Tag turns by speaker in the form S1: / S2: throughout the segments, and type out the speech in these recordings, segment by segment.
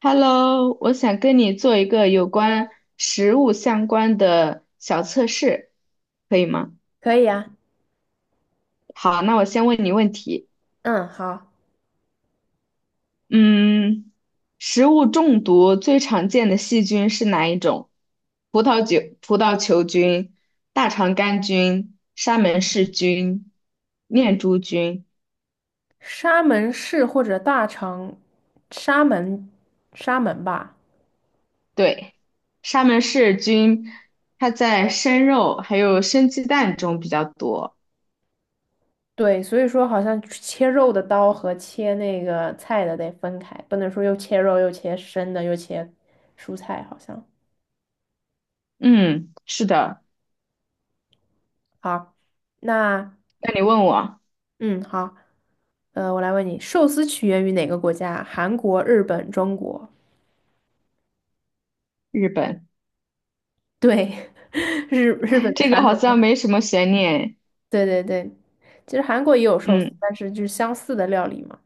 S1: Hello，我想跟你做一个有关食物相关的小测试，可以吗？
S2: 可以啊。
S1: 好，那我先问你问题。
S2: 嗯，好。
S1: 嗯，食物中毒最常见的细菌是哪一种？葡萄酒、葡萄球菌、大肠杆菌、沙门氏菌、念珠菌。
S2: 沙门市或者大城，沙门，沙门吧。
S1: 对，沙门氏菌它在生肉还有生鸡蛋中比较多。
S2: 对，所以说好像切肉的刀和切那个菜的得分开，不能说又切肉又切生的又切蔬菜，好像。
S1: 嗯，是的。
S2: 好，那
S1: 那你问我。
S2: 嗯好，我来问你，寿司起源于哪个国家？韩国、日本、中国？
S1: 日本，
S2: 对，日本的
S1: 这个
S2: 传
S1: 好像
S2: 统。
S1: 没什么悬念。
S2: 对对对，其实韩国也有寿司，
S1: 嗯
S2: 但是就是相似的料理嘛。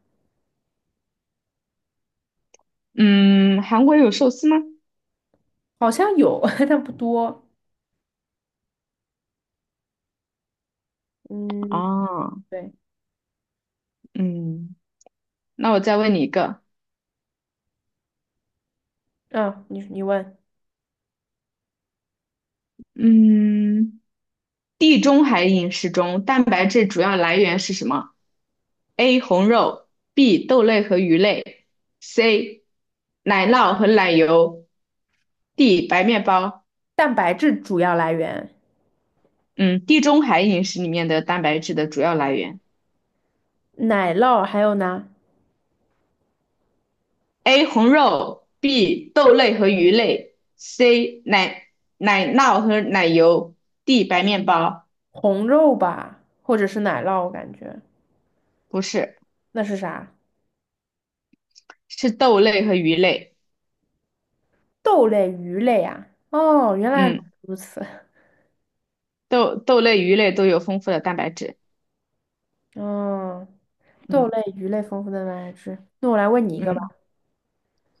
S1: 嗯，韩国有寿司吗？
S2: 好像有，但不多。嗯，
S1: 哦，
S2: 对。
S1: 嗯，那我再问你一个，
S2: 嗯，你问，
S1: 嗯，地中海饮食中蛋白质主要来源是什么？A. 红肉，B. 豆类和鱼类，C. 奶酪和奶油，D. 白面包。
S2: 蛋白质主要来源，
S1: 嗯，地中海饮食里面的蛋白质的主要来源。
S2: 奶酪还有呢，
S1: A 红肉，B 豆类和鱼类，C 奶酪和奶油，D 白面包。
S2: 红肉吧，或者是奶酪，我感觉
S1: 不是，
S2: 那是啥？
S1: 是豆类和鱼类。
S2: 豆类、鱼类啊。哦，原来
S1: 嗯，
S2: 如此。
S1: 豆类、鱼类都有丰富的蛋白质。
S2: 嗯，豆
S1: 嗯
S2: 类、鱼类丰富的蛋白质。那我来问你一个吧。
S1: 嗯，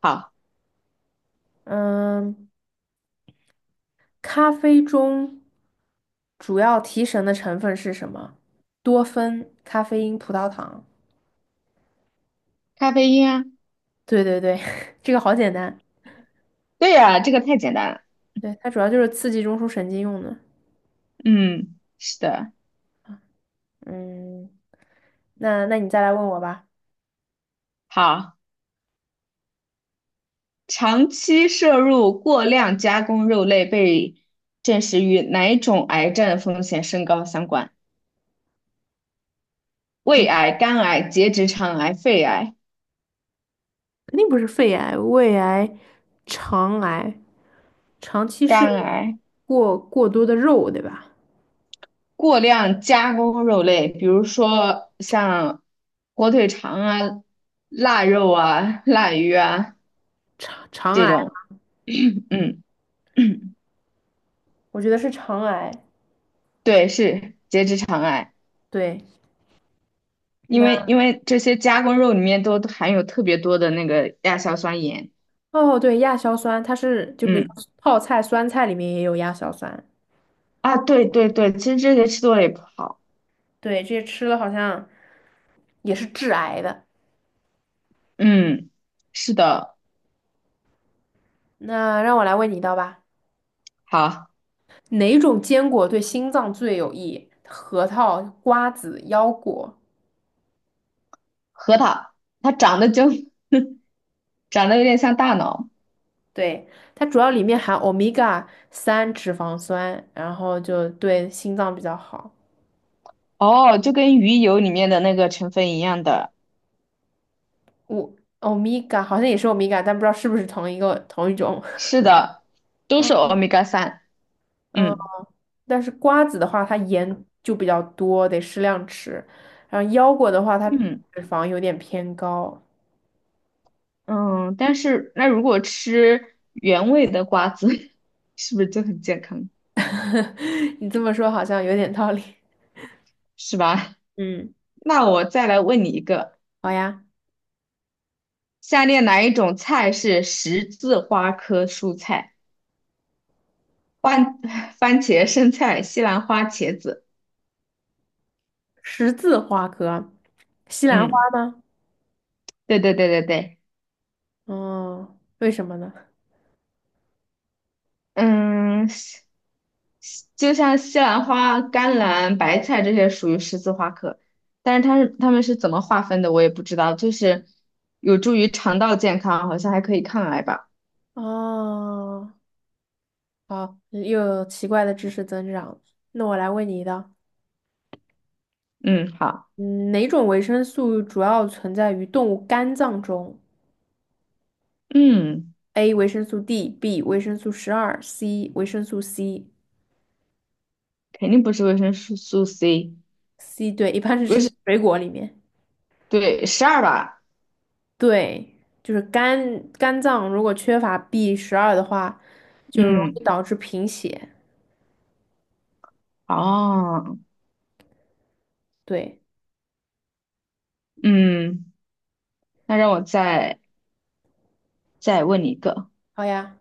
S1: 好，
S2: 嗯，咖啡中主要提神的成分是什么？多酚、咖啡因、葡萄糖。
S1: 咖啡因啊，
S2: 对对对，这个好简单。
S1: 对呀、这个太简单了。
S2: 对，它主要就是刺激中枢神经用的。
S1: 嗯，是的，
S2: 嗯，那你再来问我吧。
S1: 好，长期摄入过量加工肉类被证实与哪种癌症风险升高相关？胃
S2: 嗯，
S1: 癌、肝癌、结直肠癌、肺癌。
S2: 肯定不是肺癌、胃癌、肠癌，长期摄
S1: 肝
S2: 入
S1: 癌，
S2: 过多的肉，对吧？
S1: 过量加工肉类，比如说像火腿肠啊、腊肉啊、腊鱼啊
S2: 肠肠
S1: 这
S2: 癌，
S1: 种，嗯，
S2: 我觉得是肠癌。
S1: 对，是结直肠癌，
S2: 对，那
S1: 因为这些加工肉里面都含有特别多的那个亚硝酸盐，
S2: 哦，对，亚硝酸，它是就比如
S1: 嗯，
S2: 说泡菜、酸菜里面也有亚硝酸。
S1: 啊，对对对，其实这些吃多了也不好，
S2: 对，这些吃了好像也是致癌的。
S1: 嗯，是的，
S2: 那让我来问你一道吧。
S1: 好，
S2: 哪种坚果对心脏最有益？核桃、瓜子、腰果。
S1: 核桃它长得就 长得有点像大脑，
S2: 对，它主要里面含欧米伽三脂肪酸，然后就对心脏比较好。
S1: 哦，就跟鱼油里面的那个成分一样的，
S2: 我欧米伽好像也是欧米伽，但不知道是不是同一种。
S1: 是的，都是
S2: 嗯
S1: 欧米伽三。
S2: 嗯，
S1: 嗯
S2: 但是瓜子的话，它盐就比较多，得适量吃。然后腰果的话，它
S1: 嗯
S2: 脂肪有点偏高。
S1: 嗯，但是那如果吃原味的瓜子，是不是就很健康？
S2: 你这么说好像有点道理。
S1: 是吧？
S2: 嗯，
S1: 那我再来问你一个，
S2: 好呀。
S1: 下列哪一种菜是十字花科蔬菜？番 番茄、生菜、西兰花、茄子。
S2: 十字花科，西兰花
S1: 嗯，
S2: 吗？
S1: 对对对对对。
S2: 哦，为什么呢？
S1: 嗯，西就像西兰花、甘蓝、白菜这些属于十字花科，但是它们是怎么划分的，我也不知道。就是有助于肠道健康，好像还可以抗癌吧。
S2: 哦，好，又有奇怪的知识增长。那我来问你一道，
S1: 嗯，好，
S2: 嗯，哪种维生素主要存在于动物肝脏中
S1: 嗯，
S2: ？A. 维生素 D，B. 维生素12，C. 维生素 C。
S1: 肯定不是维生素 C，
S2: C 对，一般是
S1: 维生，
S2: 吃水果里面。
S1: 对，12吧。
S2: 对，就是肝脏如果缺乏 B12的话，就容
S1: 嗯，
S2: 易导致贫血。
S1: 哦，
S2: 对，
S1: 嗯，那让我再问你一个，
S2: 好呀。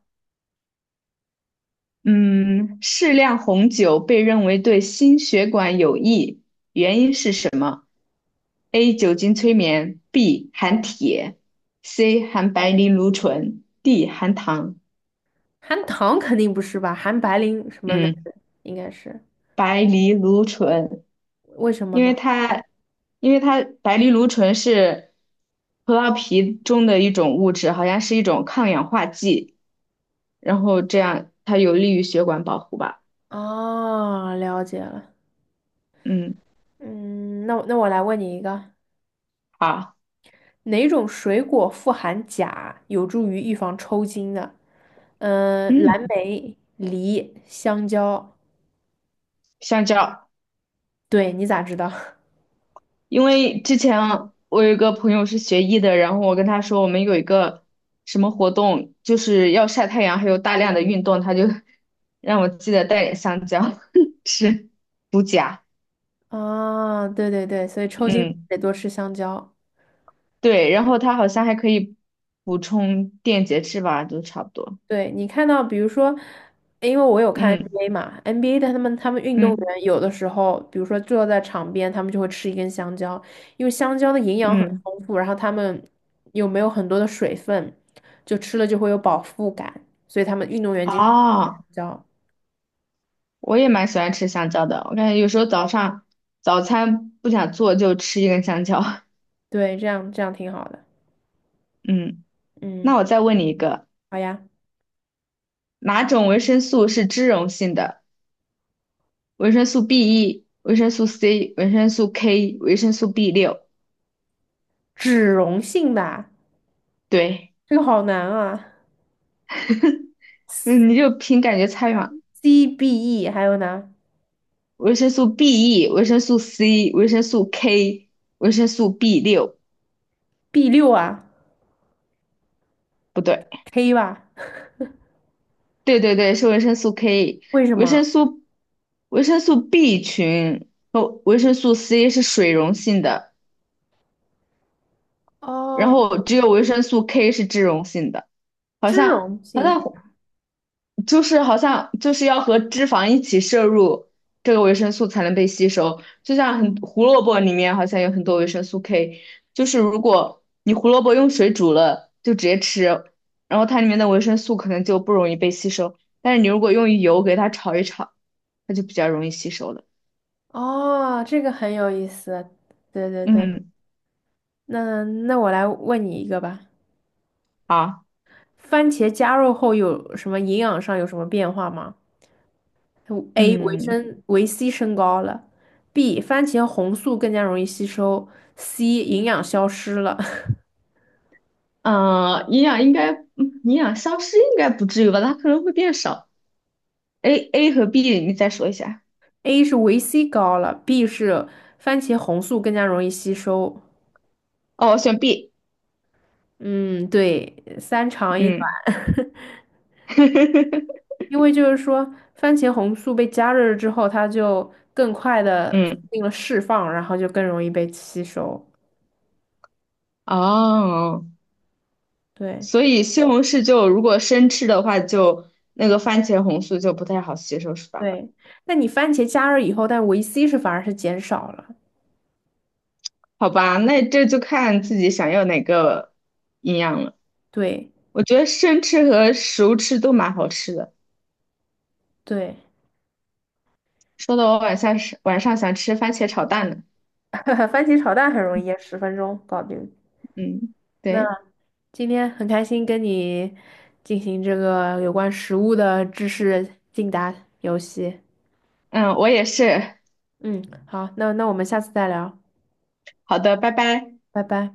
S1: 嗯，适量红酒被认为对心血管有益，原因是什么？：A. 酒精催眠；B. 含铁；C. 含白藜芦醇；D. 含糖。
S2: 含糖肯定不是吧？含白磷什么那
S1: 嗯，
S2: 个应该是，
S1: 白藜芦醇，
S2: 为什么
S1: 因为
S2: 呢？
S1: 它，因为它白藜芦醇是葡萄皮中的一种物质，好像是一种抗氧化剂，然后这样它有利于血管保护吧。
S2: 哦，了解了。
S1: 嗯，
S2: 嗯，那我来问你一个，
S1: 好，
S2: 哪种水果富含钾，有助于预防抽筋的？嗯、
S1: 嗯，
S2: 蓝莓、梨、香蕉。
S1: 香蕉。
S2: 对，你咋知道？
S1: 因为之前我有一个朋友是学医的，然后我跟他说我们有一个什么活动，就是要晒太阳，还有大量的运动，他就 让我记得带点香蕉 吃，补钾。
S2: 啊、对对对，所以抽筋
S1: 嗯，
S2: 得多吃香蕉。
S1: 对，然后它好像还可以补充电解质吧，都差不多。
S2: 对，你看到，比如说，因为我有看
S1: 嗯
S2: NBA 嘛，NBA 的他们运动
S1: 嗯
S2: 员有的时候，比如说坐在场边，他们就会吃一根香蕉，因为香蕉的营养很
S1: 嗯，
S2: 丰富，然后他们又没有很多的水分，就吃了就会有饱腹感，所以他们运动员经常会吃香
S1: 哦，
S2: 蕉。
S1: 我也蛮喜欢吃香蕉的，我感觉有时候早上早餐不想做就吃一根香蕉。
S2: 对，这样挺好的。
S1: 嗯，
S2: 嗯，
S1: 那我再问你一个。
S2: 好呀，
S1: 哪种维生素是脂溶性的？维生素 B1、维生素 C、维生素 K、维生素 b 六。
S2: 脂溶性吧，
S1: 对，
S2: 这个好难啊
S1: 嗯，你就凭感觉猜嘛。
S2: ，CBE 还有呢
S1: 维生素 BE、维生素 C、维生素 K、维生素 b 六，
S2: ，B6啊
S1: 不对，
S2: ，K 吧，
S1: 对对对，是维生素 K、
S2: 为什
S1: 维
S2: 么？
S1: 生素维生素 B 群和维生素 C 是水溶性的，然
S2: 哦，
S1: 后只有维生素 K 是脂溶性的，好
S2: 脂
S1: 像
S2: 溶
S1: 好
S2: 性。
S1: 像就是好像就是要和脂肪一起摄入这个维生素才能被吸收，就像胡萝卜里面好像有很多维生素 K，就是如果你胡萝卜用水煮了就直接吃，然后它里面的维生素可能就不容易被吸收，但是你如果用油给它炒一炒，它就比较容易吸收了。
S2: 哦，这个很有意思。对对对，
S1: 嗯，
S2: 那我来问你一个吧。
S1: 好，
S2: 番茄加热后有什么营养上有什么变化吗？A. 维
S1: 嗯，
S2: 生维 C 升高了，B. 番茄红素更加容易吸收，C. 营养消失了。
S1: 营养消失应该不至于吧？它可能会变少。A 和 B 你再说一下。
S2: A 是维 C 高了，B 是番茄红素更加容易吸收。
S1: 哦，我选 B。
S2: 嗯，对，三长一。
S1: 嗯。
S2: 因为就是说，番茄红素被加热了之后，它就更快的促
S1: 嗯，
S2: 进了释放，然后就更容易被吸收。
S1: 哦，
S2: 对
S1: 所以西红柿就如果生吃的话就，那个番茄红素就不太好吸收，是吧？
S2: 对，那你番茄加热以后，但维 C 是反而是减少了。
S1: 好吧，那这就看自己想要哪个营养了。
S2: 对
S1: 我觉得生吃和熟吃都蛮好吃的，
S2: 对，
S1: 说的我晚上想吃番茄炒蛋呢。
S2: 番茄炒蛋很容易耶，10分钟搞定。
S1: 嗯，
S2: 那
S1: 对，
S2: 今天很开心跟你进行这个有关食物的知识竞答游戏。
S1: 嗯，我也是。
S2: 嗯，好，那我们下次再聊，
S1: 好的，拜拜。
S2: 拜拜。